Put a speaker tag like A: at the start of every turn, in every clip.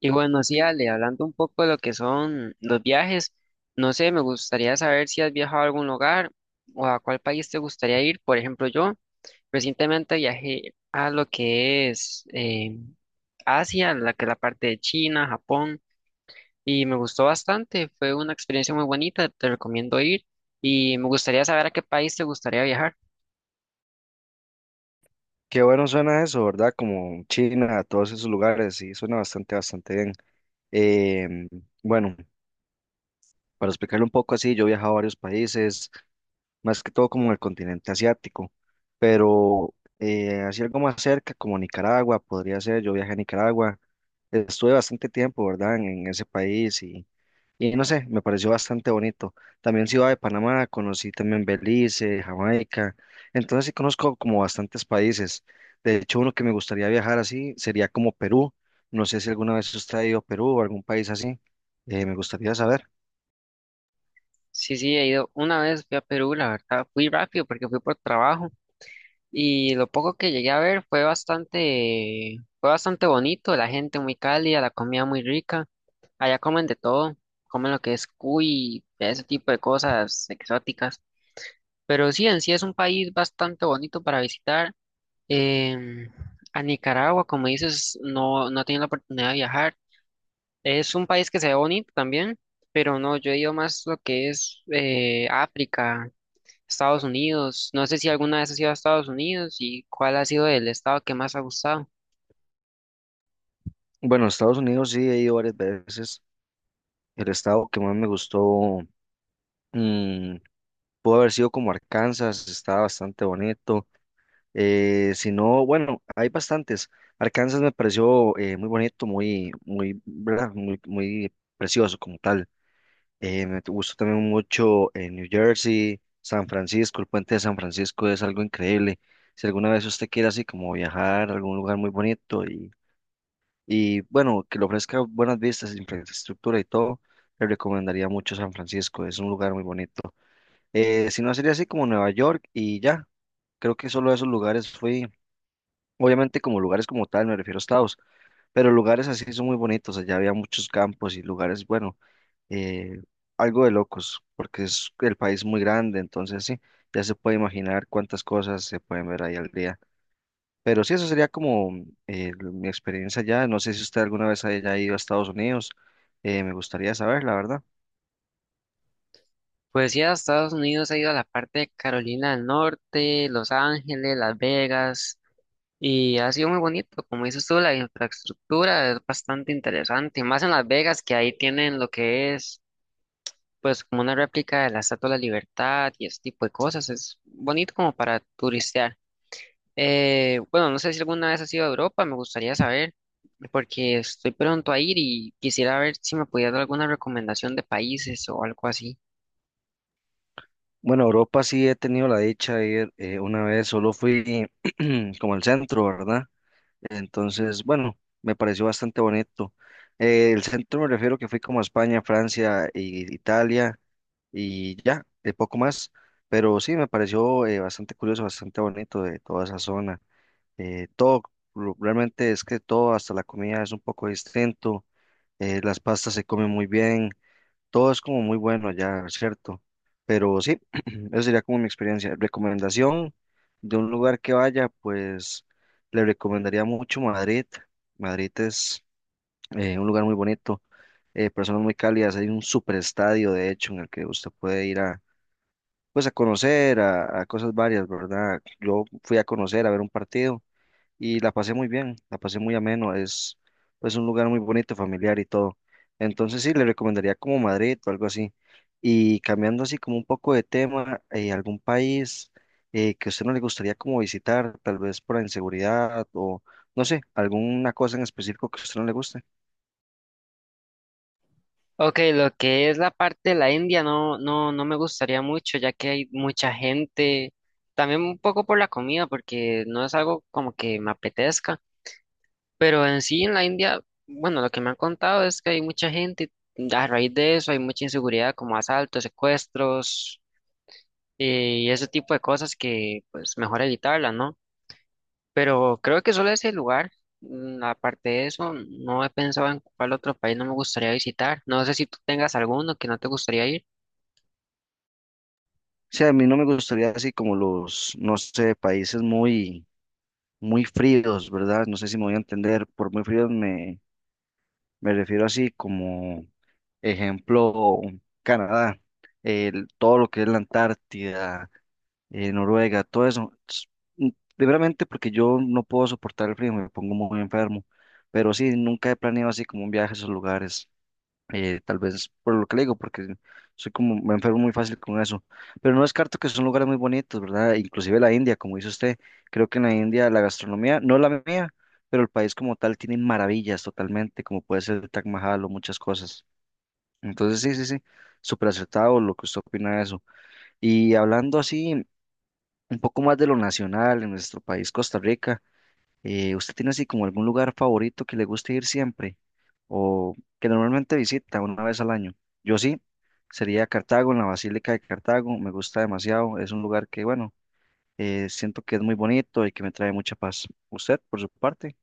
A: Y bueno, sí, Ale, hablando un poco de lo que son los viajes, no sé, me gustaría saber si has viajado a algún lugar o a cuál país te gustaría ir. Por ejemplo, yo recientemente viajé a lo que es Asia, la que es la parte de China, Japón, y me gustó bastante, fue una experiencia muy bonita, te recomiendo ir y me gustaría saber a qué país te gustaría viajar.
B: Qué bueno suena eso, ¿verdad? Como China, todos esos lugares, sí, suena bastante bien. Em, bueno, para explicarlo un poco así, yo he viajado a varios países, más que todo como en el continente asiático, pero así algo más cerca, como Nicaragua, podría ser. Yo viajé a Nicaragua. Estuve bastante tiempo, ¿verdad? En ese país y no sé, me pareció bastante bonito. También Ciudad de Panamá, conocí también Belice, Jamaica. Entonces sí conozco como bastantes países. De hecho, uno que me gustaría viajar así sería como Perú. No sé si alguna vez usted ha ido a Perú o algún país así. Me gustaría saber.
A: Sí, sí, he ido una vez, fui a Perú, la verdad, fui rápido porque fui por trabajo. Y lo poco que llegué a ver fue bastante bonito, la gente muy cálida, la comida muy rica. Allá comen de todo, comen lo que es cuy, ese tipo de cosas exóticas. Pero sí, en sí es un país bastante bonito para visitar. Em, a Nicaragua, como dices, no, no he tenido la oportunidad de viajar. Es un país que se ve bonito también, pero no, yo he ido más lo que es África, Estados Unidos. No sé si alguna vez has ido a Estados Unidos y cuál ha sido el estado que más ha gustado.
B: Bueno, a Estados Unidos sí he ido varias veces. El estado que más me gustó mm, pudo haber sido como Arkansas, estaba bastante bonito. Si no, bueno, hay bastantes. Arkansas me pareció muy bonito, ¿verdad? Muy precioso como tal. Me gustó también mucho New Jersey, San Francisco. El puente de San Francisco es algo increíble. Si alguna vez usted quiere así como viajar a algún lugar muy bonito y bueno, que le ofrezca buenas vistas, infraestructura y todo, le recomendaría mucho San Francisco, es un lugar muy bonito. Si no, sería así como Nueva York y ya. Creo que solo a esos lugares fui. Obviamente como lugares como tal, me refiero a estados, pero lugares así son muy bonitos. Allá había muchos campos y lugares, bueno, eh, algo de locos, porque es el país muy grande, entonces sí, ya se puede imaginar cuántas cosas se pueden ver ahí al día. Pero sí, eso sería como mi experiencia allá. No sé si usted alguna vez haya ido a Estados Unidos. Me gustaría saber, la verdad.
A: Pues sí, a Estados Unidos ha ido a la parte de Carolina del Norte, Los Ángeles, Las Vegas, y ha sido muy bonito. Como dices tú, la infraestructura es bastante interesante, más en Las Vegas, que ahí tienen lo que es, pues, como una réplica de la Estatua de la Libertad y ese tipo de cosas. Es bonito como para turistear. Bueno, no sé si alguna vez has ido a Europa, me gustaría saber, porque estoy pronto a ir y quisiera ver si me podías dar alguna recomendación de países o algo así.
B: Bueno, Europa sí he tenido la dicha de ir una vez, solo fui como al centro, ¿verdad? Entonces, bueno, me pareció bastante bonito. El centro me refiero que fui como a España, Francia e Italia y ya, de poco más. Pero sí, me pareció bastante curioso, bastante bonito de toda esa zona. Eh, todo, Realmente es que todo, hasta la comida es un poco distinto. Las pastas se comen muy bien, todo es como muy bueno allá, ¿cierto? Pero sí, esa sería como mi experiencia. Recomendación de un lugar que vaya, pues le recomendaría mucho Madrid. Madrid es un lugar muy bonito, personas muy cálidas. Hay un super estadio, de hecho, en el que usted puede ir a, pues, a conocer, a cosas varias, ¿verdad? Yo fui a conocer, a ver un partido y la pasé muy bien, la pasé muy ameno. Es pues un lugar muy bonito, familiar y todo. Entonces sí, le recomendaría como Madrid o algo así. Y cambiando así como un poco de tema, algún país que a usted no le gustaría como visitar, tal vez por la inseguridad o no sé, alguna cosa en específico que a usted no le guste.
A: Ok, lo que es la parte de la India no, no, no me gustaría mucho, ya que hay mucha gente, también un poco por la comida, porque no es algo como que me apetezca, pero en sí en la India, bueno, lo que me han contado es que hay mucha gente, a raíz de eso hay mucha inseguridad, como asaltos, secuestros. Y ese tipo de cosas que pues mejor evitarlas, ¿no? Pero creo que solo ese lugar, aparte de eso, no he pensado en cuál otro país no me gustaría visitar. No sé si tú tengas alguno que no te gustaría ir.
B: Sí, a mí no me gustaría así como los, no sé, países muy fríos, ¿verdad? No sé si me voy a entender. Por muy fríos me refiero así como ejemplo, Canadá, todo lo que es la Antártida, Noruega, todo eso. Primeramente porque yo no puedo soportar el frío, me pongo muy enfermo. Pero sí, nunca he planeado así como un viaje a esos lugares, tal vez por lo que le digo, porque soy como, me enfermo muy fácil con eso. Pero no descarto que son lugares muy bonitos, ¿verdad? Inclusive la India, como dice usted, creo que en la India la gastronomía, no la mía, pero el país como tal tiene maravillas totalmente, como puede ser el Taj Mahal o muchas cosas. Entonces, sí, sí, sí, súper acertado lo que usted opina de eso. Y hablando así, un poco más de lo nacional en nuestro país, Costa Rica, ¿usted tiene así como algún lugar favorito que le guste ir siempre o que normalmente visita una vez al año? Yo sí, sería Cartago, en la Basílica de Cartago. Me gusta demasiado, es un lugar que, bueno, siento que es muy bonito y que me trae mucha paz. ¿Usted, por su parte?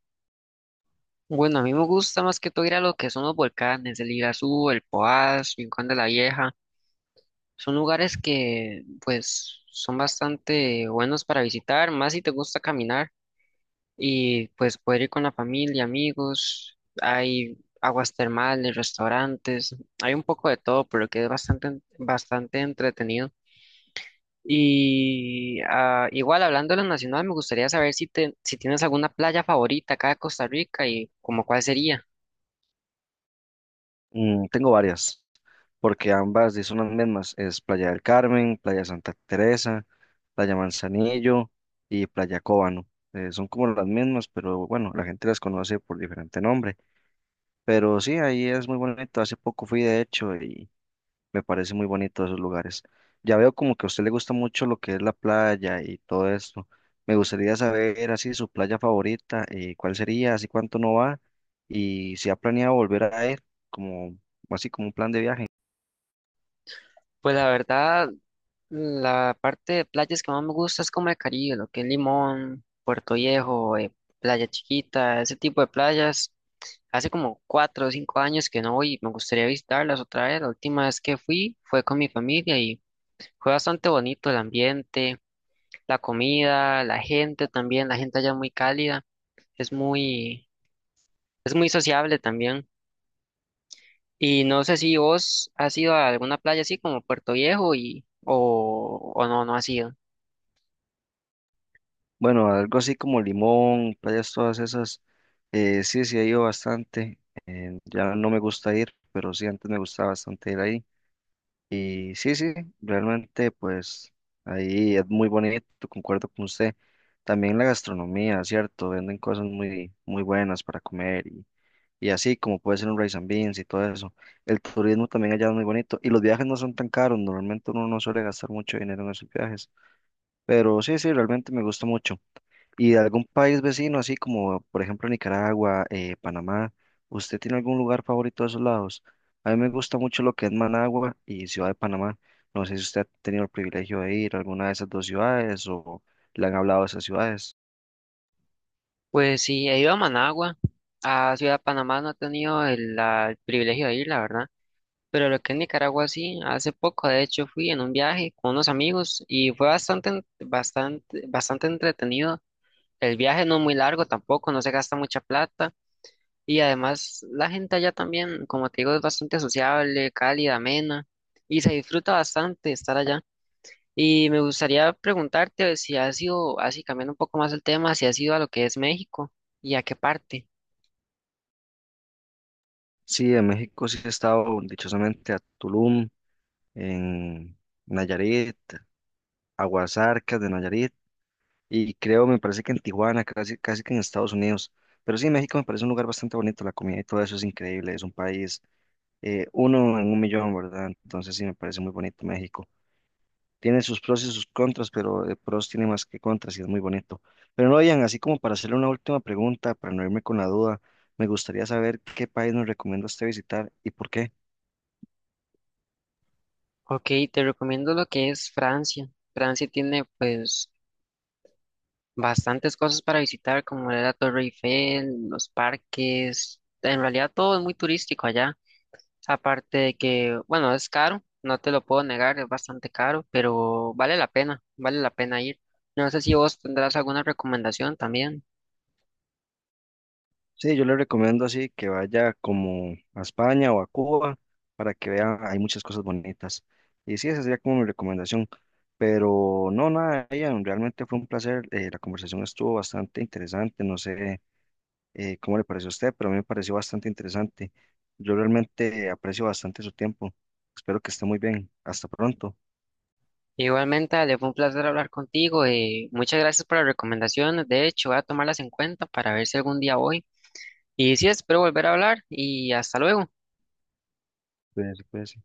A: Bueno, a mí me gusta más que todo ir a lo que son los volcanes, el Irazú, el Poás, Rincón de la Vieja. Son lugares que pues son bastante buenos para visitar, más si te gusta caminar. Y pues poder ir con la familia, amigos, hay aguas termales, restaurantes, hay un poco de todo, pero que es bastante, bastante entretenido. Y ah, igual hablando de lo nacional, me gustaría saber si tienes alguna playa favorita acá de Costa Rica y como cuál sería.
B: Mm, tengo varias, porque ambas sí son las mismas. Es Playa del Carmen, Playa Santa Teresa, Playa Manzanillo y Playa Cóbano. Son como las mismas, pero bueno, la gente las conoce por diferente nombre. Pero sí, ahí es muy bonito. Hace poco fui, de hecho, me parece muy bonito esos lugares. Ya veo como que a usted le gusta mucho lo que es la playa y todo esto. Me gustaría saber así su playa favorita, cuál sería, así cuánto no va y si ha planeado volver a ir, como así como un plan de viaje.
A: Pues la verdad, la parte de playas que más me gusta es como el Caribe, lo que es Limón, Puerto Viejo, Playa Chiquita, ese tipo de playas. Hace como cuatro o cinco años que no voy y me gustaría visitarlas otra vez. La última vez que fui fue con mi familia y fue bastante bonito el ambiente, la comida, la gente también. La gente allá es muy cálida, es muy, es muy sociable también. Y no sé si vos has ido a alguna playa así como Puerto Viejo y o no, no has ido.
B: Bueno, algo así como Limón, playas todas esas. Sí, sí he ido bastante. Ya no me gusta ir, pero sí antes me gustaba bastante ir ahí. Y sí, sí, realmente pues ahí es muy bonito, concuerdo con usted. También la gastronomía, ¿cierto? Venden cosas muy buenas para comer y así como puede ser un rice and beans y todo eso. El turismo también allá es muy bonito y los viajes no son tan caros. Normalmente uno no suele gastar mucho dinero en esos viajes. Pero sí, sí, realmente me gusta mucho. Y de algún país vecino, así como por ejemplo Nicaragua, Panamá, ¿usted tiene algún lugar favorito de esos lados? A mí me gusta mucho lo que es Managua y Ciudad de Panamá. No sé si usted ha tenido el privilegio de ir a alguna de esas dos ciudades o le han hablado de esas ciudades.
A: Pues sí, he ido a Managua, a Ciudad Panamá, no he tenido el privilegio de ir, la verdad. Pero lo que es Nicaragua sí, hace poco de hecho fui en un viaje con unos amigos y fue bastante, bastante entretenido. El viaje no es muy largo tampoco, no se gasta mucha plata y además la gente allá también, como te digo, es bastante sociable, cálida, amena y se disfruta bastante estar allá. Y me gustaría preguntarte si has ido, así cambiando un poco más el tema, si has ido a lo que es México y a qué parte.
B: Sí, en México sí he estado dichosamente a Tulum, en Nayarit, Aguasarcas de Nayarit, y creo, me parece que en Tijuana, casi que en Estados Unidos. Pero sí, México me parece un lugar bastante bonito, la comida y todo eso es increíble. Es un país uno en un millón, ¿verdad? Entonces sí, me parece muy bonito México. Tiene sus pros y sus contras, pero pros tiene más que contras y es muy bonito. Pero no, Ian, así como para hacerle una última pregunta, para no irme con la duda, me gustaría saber qué país nos recomienda usted visitar y por qué.
A: Ok, te recomiendo lo que es Francia. Francia tiene pues bastantes cosas para visitar, como la Torre Eiffel, los parques. En realidad todo es muy turístico allá. Aparte de que, bueno, es caro, no te lo puedo negar, es bastante caro, pero vale la pena ir. No sé si vos tendrás alguna recomendación también.
B: Sí, yo le recomiendo así que vaya como a España o a Cuba para que vea, hay muchas cosas bonitas. Y sí, esa sería como mi recomendación. Pero no, nada, Ian, realmente fue un placer. La conversación estuvo bastante interesante. No sé cómo le pareció a usted, pero a mí me pareció bastante interesante. Yo realmente aprecio bastante su tiempo. Espero que esté muy bien. Hasta pronto.
A: Igualmente, Ale, fue un placer hablar contigo y muchas gracias por las recomendaciones. De hecho, voy a tomarlas en cuenta para ver si algún día voy. Y sí, espero volver a hablar y hasta luego.
B: Cuídense, cuídense.